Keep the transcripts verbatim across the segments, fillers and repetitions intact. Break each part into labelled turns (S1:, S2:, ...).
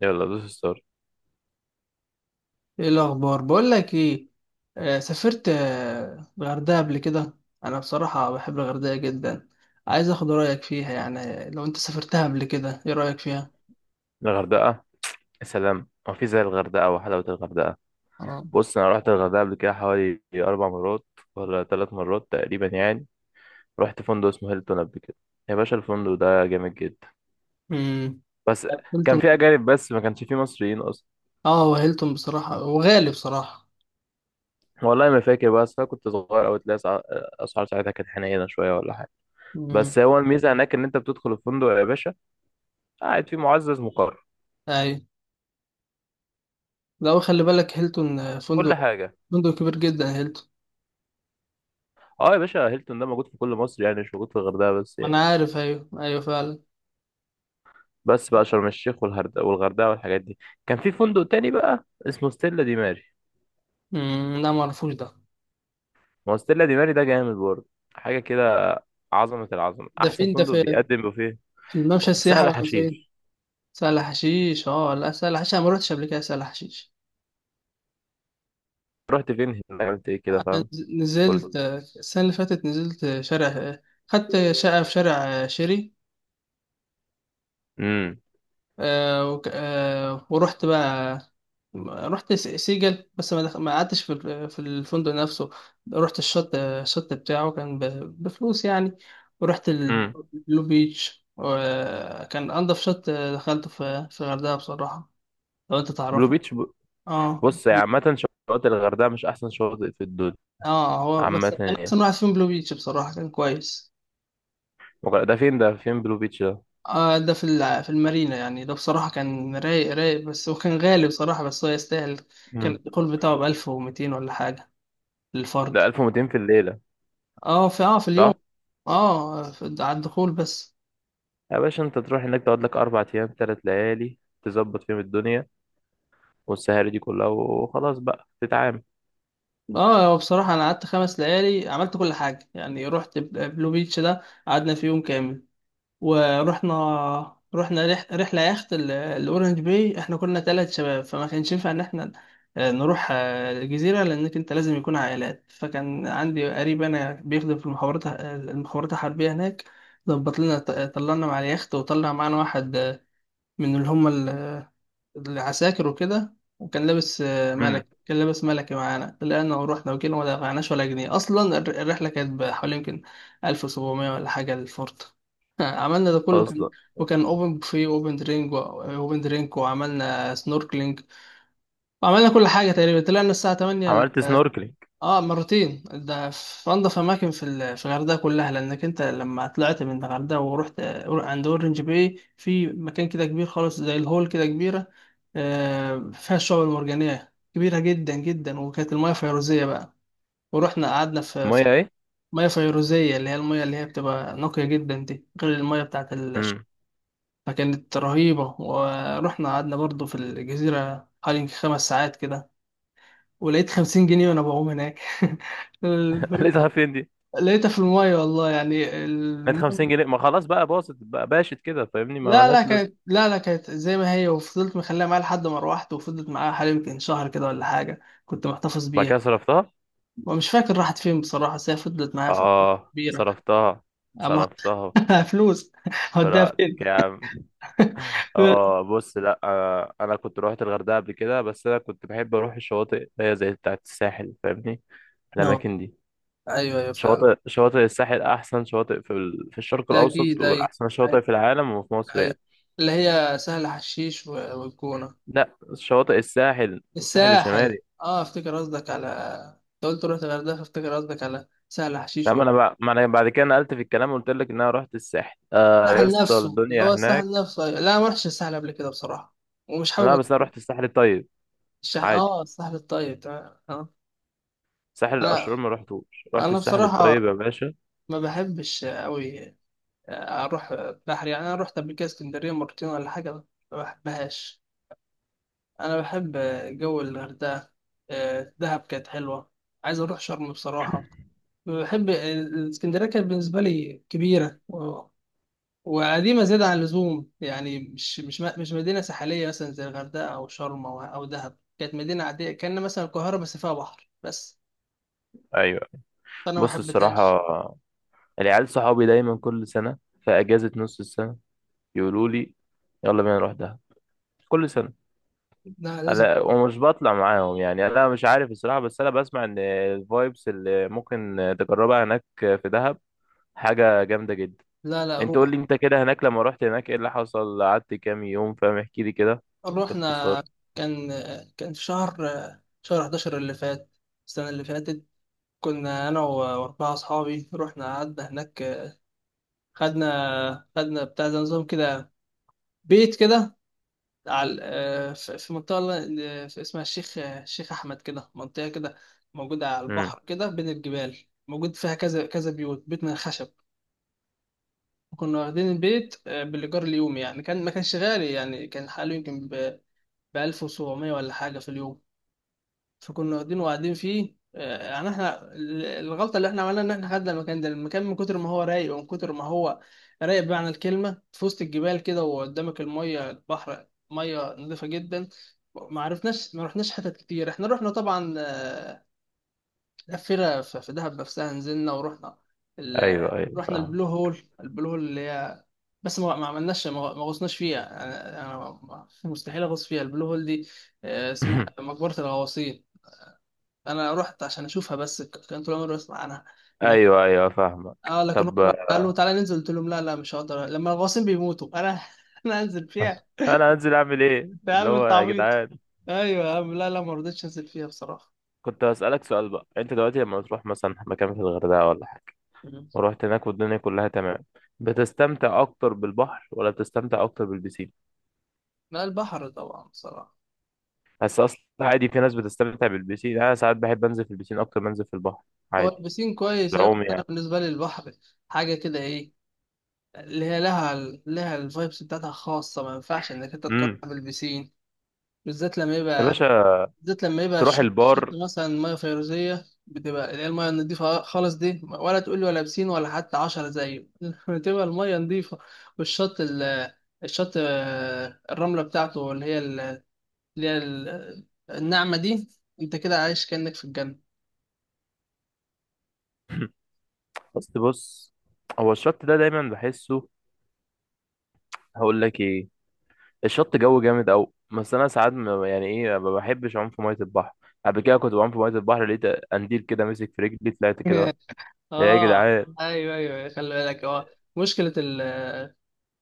S1: يلا دوس ستار.
S2: ايه الاخبار بقول لك ايه. آه، سافرت آه، الغردقه قبل كده. انا بصراحه بحب الغردقه جدا. عايز اخد رايك فيها، يعني لو انت سافرتها قبل كده، ايه رايك فيها؟
S1: الغردقة، يا سلام، هو في زي الغردقة وحلاوة الغردقة؟
S2: اه.
S1: بص، أنا رحت الغردقة قبل كده حوالي أربع مرات، ولا ثلاث مرات تقريبا يعني. رحت فندق اسمه هيلتون قبل كده. يا باشا، الفندق ده جامد جدا.
S2: امم
S1: بس كان
S2: هيلتون.
S1: في أجانب بس، ما كانش فيه مصريين أصلا.
S2: اه، وهيلتون بصراحه، وغالي بصراحه.
S1: والله ما فاكر بقى، أصل أنا كنت صغير أوي. تلاقي أسع- أسعار ساعتها كانت حنينة شوية ولا حاجة. بس
S2: امم
S1: هو الميزة هناك إن أنت بتدخل الفندق يا باشا، قاعد فيه معزز مقرر.
S2: ايوه. لو خلي بالك هيلتون آه،
S1: كل
S2: فندق،
S1: حاجة.
S2: فندق كبير جدا هيلتون.
S1: أه يا باشا، هيلتون ده موجود في كل مصر يعني، مش موجود في الغردقة بس
S2: ما
S1: يعني.
S2: انا عارف، ايوه ايوه فعلا.
S1: بس بقى شرم الشيخ والهرد- والغردقه والحاجات دي، كان في فندق تاني بقى اسمه ستيلا دي ماري.
S2: امم لا، ما اعرفوش ده.
S1: ما هو ستيلا دي ماري ده جامد برضه، حاجه كده. عظمه. العظمه،
S2: ده
S1: احسن
S2: فين؟ ده
S1: فندق
S2: في،
S1: بيقدم بوفيه.
S2: في الممشى
S1: في
S2: السياحي
S1: سهل
S2: ولا فين؟
S1: حشيش.
S2: سهل حشيش؟ اه لا، سهل حشيش انا ما رحتش قبل كده سهل حشيش.
S1: رحت فين هناك؟ عملت ايه كده؟ فاهم. قلت.
S2: نزلت، السنة اللي فاتت نزلت شارع، خدت شقة في شارع شيري.
S1: امم.
S2: آه، وك- آه، ورحت بقى. رحت س- سيجل، بس ما دخ... ما قعدتش في ال- في الفندق نفسه. رحت الشط، الشط بتاعه كان ب... بفلوس يعني. ورحت
S1: امم.
S2: البلو بيتش، وكان انضف شط دخلته في في الغردقة بصراحة. لو انت
S1: بلو
S2: تعرفه.
S1: بيتش ب...
S2: اه
S1: بص يا
S2: بي-
S1: عامه، شواطئ الغردقه مش احسن شواطئ في الدنيا
S2: اه هو
S1: عامه
S2: بس كان
S1: يعني.
S2: احسن واحد فيهم بلو بيتش، بصراحة كان كويس.
S1: وغ- ده فين، ده فين بلو بيتش ده؟
S2: آه، ده في ال- في المارينا يعني، ده بصراحة كان رايق رايق، بس هو كان غالي بصراحة، بس هو يستاهل. كان
S1: امم.
S2: الدخول بتاعه بألف ومتين ولا حاجة، للفرد.
S1: ده ألف ومتين في الليله؟
S2: اه، في، اه في اليوم.
S1: صح.
S2: اه، في على الدخول بس.
S1: يا باشا انت تروح هناك تقعد لك اربع ايام ثلاث ليالي تظبط فيهم الدنيا والسهاري دي كلها وخلاص بقى تتعامل.
S2: اه هو بصراحة أنا قعدت خمس ليالي، عملت كل حاجة يعني. رحت بل- بلو بيتش ده، قعدنا فيه يوم كامل. ورحنا، رحنا رح... رحلة يخت ال- الأورنج باي. احنا كنا ثلاث شباب، فما كانش ينفع إن احنا آه، نروح آه، الجزيرة، لأنك أنت لازم يكون عائلات. فكان عندي قريب أنا بيخدم في المخابرات آه، المخابرات الحربية هناك، ظبط لنا. ط- طلعنا مع اليخت، وطلع معانا واحد آه، من اللي هم العساكر وكده، وكان لابس آه،
S1: امم.
S2: ملك كان لابس ملكي معانا، طلعنا ورحنا وكده، وما دفعناش ولا جنيه اصلا. الر- الرحله كانت بحوالي يمكن ألف وسبعمية ولا حاجه للفورت. عملنا ده كله، كان
S1: اصلا.
S2: وكان اوبن بوفيه واوبن درينك واوبن درينك، وعملنا سنوركلينج، وعملنا كل حاجه تقريبا. طلعنا الساعه ثمانية.
S1: عملت سنوركلينج؟
S2: اه، مرتين. ده في انضف اماكن في ال- في الغردقه كلها، لانك انت لما طلعت من الغردقه ورحت عند اورنج باي، في مكان كده كبير خالص، زي الهول كده كبيره، آه، فيها الشعاب المرجانيه كبيره جدا جدا، وكانت المياه فيروزيه بقى. ورحنا قعدنا في
S1: الميه
S2: في
S1: ايه؟
S2: مياه فيروزيه، اللي هي المياه اللي هي بتبقى نقيه جدا دي، غير المياه بتاعت ال...
S1: امم.
S2: فكانت رهيبه. ورحنا قعدنا برضو في الجزيره حوالي خمس ساعات كده، ولقيت خمسين جنيه وانا بعوم هناك.
S1: لقيتها فين دي؟
S2: لقيتها في المية، والله يعني،
S1: لقيت
S2: المهم،
S1: خمسين جنيه؟ ما خلاص بقى، باظت بقى، باشت كده فاهمني، ما
S2: لا لا
S1: ملهاش لازمه.
S2: كانت، لا لا كانت زي ما هي. وفضلت مخليها معايا لحد ما روحت، وفضلت معايا حوالي يمكن شهر كده ولا حاجة، كنت محتفظ
S1: بعد
S2: بيها.
S1: كده صرفتها.
S2: ومش فاكر راحت فين بصراحة، بس هي فضلت معايا فترة
S1: اه،
S2: كبيرة.
S1: صرفتها،
S2: أما
S1: صرفتها.
S2: فلوس، هوديها فين؟
S1: براءتك يا عم. اه بص، لا آه، انا كنت روحت الغردقه قبل كده، بس انا كنت بحب اروح الشواطئ اللي هي زي بتاعه الساحل فاهمني،
S2: نو،
S1: الاماكن دي.
S2: أيوه أيوه فعلا.
S1: شواطئ شواطئ الساحل احسن شواطئ في ال... في الشرق
S2: ده
S1: الاوسط،
S2: أكيد، أيوه
S1: والاحسن
S2: أيوه
S1: شواطئ في العالم وفي مصر
S2: أيوه.
S1: يعني.
S2: اللي هي سهل حشيش و- والجونة،
S1: لا، شواطئ الساحل الساحل
S2: الساحل،
S1: الشمالي.
S2: أه أفتكر قصدك على، أنت قلت رحت الغردقة، فأفتكر قصدك على سهل
S1: لا،
S2: حشيش،
S1: ما انا بقى... ما انا بعد كده نقلت في الكلام، وقلت لك ان انا رحت الساحل. آه يا
S2: سهل
S1: اسطى
S2: نفسه، اللي
S1: الدنيا
S2: هو سهل
S1: هناك.
S2: نفسه، أيوة. لا ما رحتش السهل قبل كده بصراحة، ومش
S1: لا
S2: حابب.
S1: بس انا رحت الساحل الطيب
S2: الشح...
S1: عادي.
S2: اه السهل الطيب، تمام، اه.
S1: ساحل الاشرار
S2: انا
S1: ما رحتوش، رحت
S2: انا
S1: الساحل
S2: بصراحة
S1: الطيب يا باشا.
S2: ما بحبش قوي اروح بحر يعني. انا رحت قبل كده اسكندرية مرتين ولا حاجة، ما بحبهاش. انا بحب جو الغردقة. آه، دهب كانت حلوة. عايز اروح شرم بصراحة. بحب الاسكندرية، كانت بالنسبة لي كبيرة وقديمة زيادة عن اللزوم يعني، مش مش مش مدينة ساحلية مثلا زي الغردقة أو شرم أو أو دهب. كانت مدينة عادية، كأن مثلا القاهرة بس فيها بحر بس،
S1: ايوه
S2: فأنا ما
S1: بص
S2: حبيتهاش.
S1: الصراحه، العيال صحابي دايما كل سنه في اجازه نص السنه يقولوا لي يلا بينا نروح دهب، كل سنه.
S2: لا لازم،
S1: لا، ومش بطلع معاهم يعني، انا مش عارف الصراحه. بس انا بسمع ان الفايبس اللي ممكن تجربها هناك في دهب حاجه جامده جدا.
S2: لا لا
S1: انت قول
S2: روح.
S1: لي انت كده، هناك لما رحت هناك ايه اللي حصل؟ قعدت كام يوم؟ فاهم احكي لي كده
S2: روحنا،
S1: باختصار.
S2: كان كان في شهر، شهر أحد عشر اللي فات، السنة اللي فاتت. كنا أنا و- وأربعة أصحابي. رحنا قعدنا هناك، خدنا خدنا بتاع زي نظام كده، بيت كده، على، آه، في في منطقة ل- آه، اسمها الشيخ آه، الشيخ أحمد كده، منطقة كده، موجودة على
S1: امم.
S2: البحر كده بين الجبال. موجود فيها كذا كذا بيوت، بيت من الخشب. كنا واخدين البيت آه، بالإيجار اليومي يعني. كان ما كانش غالي يعني، كان حاله يمكن ب ألف وسبعمية ولا حاجة في اليوم. فكنا واخدينه وقاعدين فيه. آه، يعني احنا، ال- الغلطه اللي احنا عملناها، ان احنا خدنا المكان ده، المكان من كتر ما هو رايق، ومن كتر ما هو رايق بمعنى الكلمه، في وسط الجبال كده، وقدامك الميه، البحر ميه نظيفه جدا، ما عرفناش، ما رحناش حتت كتير. احنا رحنا طبعا، آه، لفينا في في دهب نفسها، نزلنا ورحنا ال-
S1: ايوه ايوه
S2: رحنا
S1: فاهم.
S2: البلو هول، البلو هول اللي هي، بس ما ما عملناش، ما ما غوصناش فيها. انا أنا مستحيل اغوص فيها البلو هول دي، آه، اسمها مقبره الغواصين. انا رحت عشان اشوفها بس، ك- كان طول عمري بسمع عنها. لك،
S1: ايوه ايوه فاهمك.
S2: اه لكن
S1: طب،
S2: هم قالوا تعالى ننزل، قلت لهم لا لا، مش هقدر، لما الغواصين بيموتوا انا انا انزل فيها؟
S1: انا هنزل اعمل ايه
S2: يا
S1: اللي
S2: عم
S1: هو؟
S2: انت
S1: يا
S2: عبيط،
S1: جدعان،
S2: ايوه يا عم. لا لا، ما رضيتش انزل فيها بصراحه.
S1: كنت هسألك سؤال بقى، انت دلوقتي لما تروح مثلا مكان في الغردقه، ولا
S2: مم.
S1: ورحت هناك والدنيا كلها تمام، بتستمتع اكتر بالبحر ولا بتستمتع اكتر بالبسين؟
S2: لا، البحر طبعا بصراحه.
S1: بس اصلا عادي، في ناس بتستمتع بالبسين. انا ساعات بحب انزل في البسين اكتر ما انزل في البحر
S2: هو
S1: عادي،
S2: البسين
S1: في
S2: كويس أيوة،
S1: العوم
S2: بس انا
S1: يعني.
S2: بالنسبه لي البحر حاجه كده، ايه، اللي هي لها لها الفايبس بتاعتها خاصه، ما ينفعش انك انت تقارنها
S1: امم.
S2: بالبسين. بالذات لما
S1: يا
S2: يبقى
S1: باشا
S2: بالذات لما يبقى
S1: تروح
S2: الشط، شط
S1: البار.
S2: مثلا ميه فيروزيه بتبقى، اللي هي الميه النضيفه خالص دي، ولا تقول لي ولا بسين ولا حتى عشرة زيه، بتبقى الميه نضيفه، والشط ال... الشط، آه، الرمله بتاعته، اللي هي ال... اللي هي ال... الناعمه دي، انت كده عايش كأنك في الجنه.
S1: بس بص، هو الشط ده دايما بحسه. هقول لك ايه؟ الشط جو جامد قوي. بس انا ساعات ما- يعني ايه، ما بحبش اعوم في ميه البحر. قبل كده كنت بعوم في ميه البحر، لقيت قنديل كده مسك في رجلي طلعت كده. يا
S2: اه،
S1: جدعان،
S2: ايوه ايوه خلي بالك، اه. مشكله ال...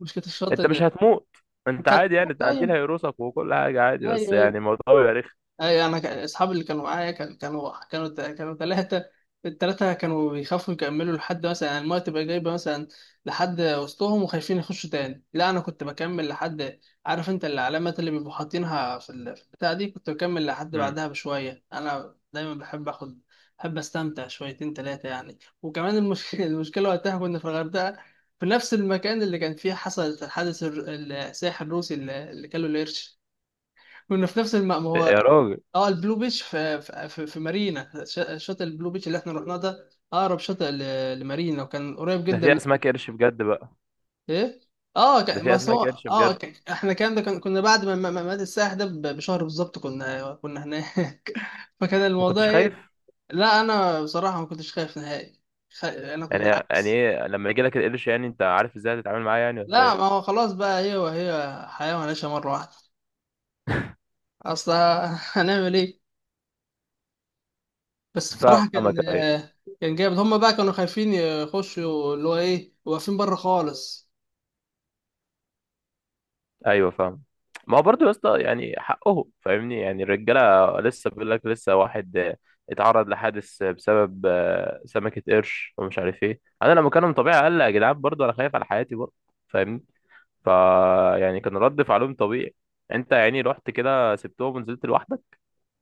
S2: مشكله الشط
S1: انت مش
S2: ان،
S1: هتموت. انت عادي يعني،
S2: ايوه
S1: القنديل هيقرصك وكل حاجه عادي، بس
S2: ايوه أيوه.
S1: يعني الموضوع بيبقى رخم.
S2: اي، انا كان- اصحابي اللي كانوا معايا، كان- كانوا كانوا تا- كانوا ثلاثه، الثلاثه كانوا بيخافوا يكملوا لحد مثلا يعني، المايه تبقى جايبه مثلا لحد وسطهم، وخايفين يخشوا تاني. لا انا كنت بكمل لحد، عارف انت العلامات اللي بيبقوا حاطينها في ال- في البتاع دي، كنت بكمل لحد
S1: امم.
S2: بعدها بشويه. انا دايما بحب اخد، بحب استمتع شويتين ثلاثه يعني. وكمان المشكله، المشكله وقتها كنا في الغردقه، في نفس المكان اللي كان فيه حصل الحادث، الر- السائح الروسي اللي اللي كان له القرش. كنا في نفس المأمورية.
S1: يا راجل،
S2: اه البلو بيتش في في, في في مارينا، ش- شاطئ البلو بيتش اللي احنا رحناه ده، اقرب شاطئ ل- لمارينا، وكان قريب
S1: ده
S2: جدا
S1: في
S2: من.
S1: اسماك قرش بجد بقى؟
S2: ايه؟ اه
S1: ده
S2: كان،
S1: في
S2: بس هو
S1: اسماك قرش
S2: اه
S1: بجد؟
S2: كان، احنا الكلام ده كان، كنا بعد ما ما- ما مات السائح ده ب- بشهر بالظبط، كنا كنا هناك. فكان
S1: ما
S2: الموضوع
S1: كنتش
S2: ايه؟
S1: خايف
S2: لا انا بصراحه ما كنتش خايف نهائي، خ... انا كنت
S1: يعني؟ يعني
S2: بالعكس.
S1: ايه لما يجي لك القرش، يعني انت عارف ازاي هتتعامل معاه يعني ولا
S2: لا، ما
S1: ايه؟
S2: هو خلاص بقى، هي وهي، حياه وهنعيشها مره واحده. اصل هنعمل ايه؟ بس بصراحة كان،
S1: فاهمك. ايوه
S2: كان جامد. هما بقى كانوا خايفين يخشوا، اللي هو ايه، واقفين بره خالص.
S1: ايوه فاهم. ما هو برضه يا اسطى يعني حقه، فاهمني، يعني الرجاله لسه، بيقول لك لسه واحد اتعرض لحادث بسبب آه، سمكه قرش ومش عارف ايه، انا لما كان طبيعي اقل يا جدعان برضه انا خايف على حياتي برضه، فاهمني. فا يعني كان رد فعلهم طبيعي. انت يعني رحت كده سبتهم ونزلت لوحدك؟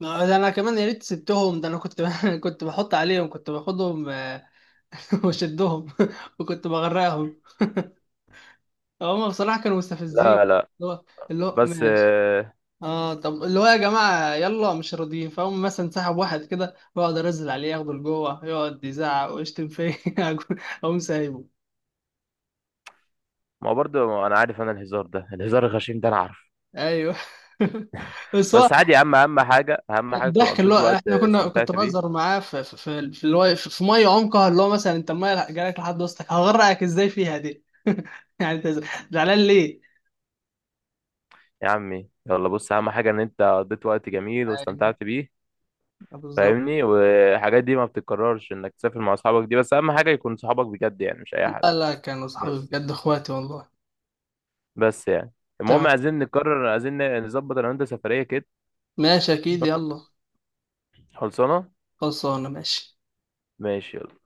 S2: ده انا كمان يا ريت سبتهم، ده انا كنت كنت بحط عليهم، كنت باخدهم آه، واشدهم، وكنت بغرقهم. هما بصراحة كانوا
S1: لا
S2: مستفزين.
S1: لا.
S2: اللي هو اللي هو
S1: بس
S2: ماشي.
S1: آه،
S2: اه طب اللي هو، يا جماعة يلا، مش راضيين، فهم مثلا سحب واحد كده، واقعد انزل عليه ياخده لجوه، يقعد يزعق ويشتم فيا، اقوم سايبه.
S1: ما هو برضه انا عارف، انا الهزار ده الهزار الغشيم ده انا عارف.
S2: ايوه. بس هو
S1: بس عادي يا عم، اهم حاجه، اهم حاجه كنت
S2: الضحك، اللي هو
S1: قضيت وقت،
S2: احنا كنا، كنت
S1: استمتعت
S2: بهزر
S1: بيه.
S2: معاه في في في في اللي هو في في ميه عمقها اللي هو مثلا، انت الميه جالك لحد وسطك، هغرقك ازاي فيها دي؟ يعني انت زعلان ليه؟
S1: يا عمي يلا بص، اهم حاجه ان انت قضيت وقت جميل
S2: يعني
S1: واستمتعت بيه
S2: بالظبط.
S1: فاهمني. والحاجات دي ما بتتكررش انك تسافر مع اصحابك دي، بس اهم حاجه يكون صحابك بجد يعني مش اي حد.
S2: لا لا، كانوا صحابي
S1: بس
S2: بجد، اخواتي والله.
S1: بس يعني، المهم
S2: تمام،
S1: عايزين نكرر، عايزين نظبط انا وانت سفريه كده.
S2: ماشي اكيد
S1: تمام؟
S2: يلا.
S1: خلصانه
S2: خلصانه ماشي.
S1: ماشي يلا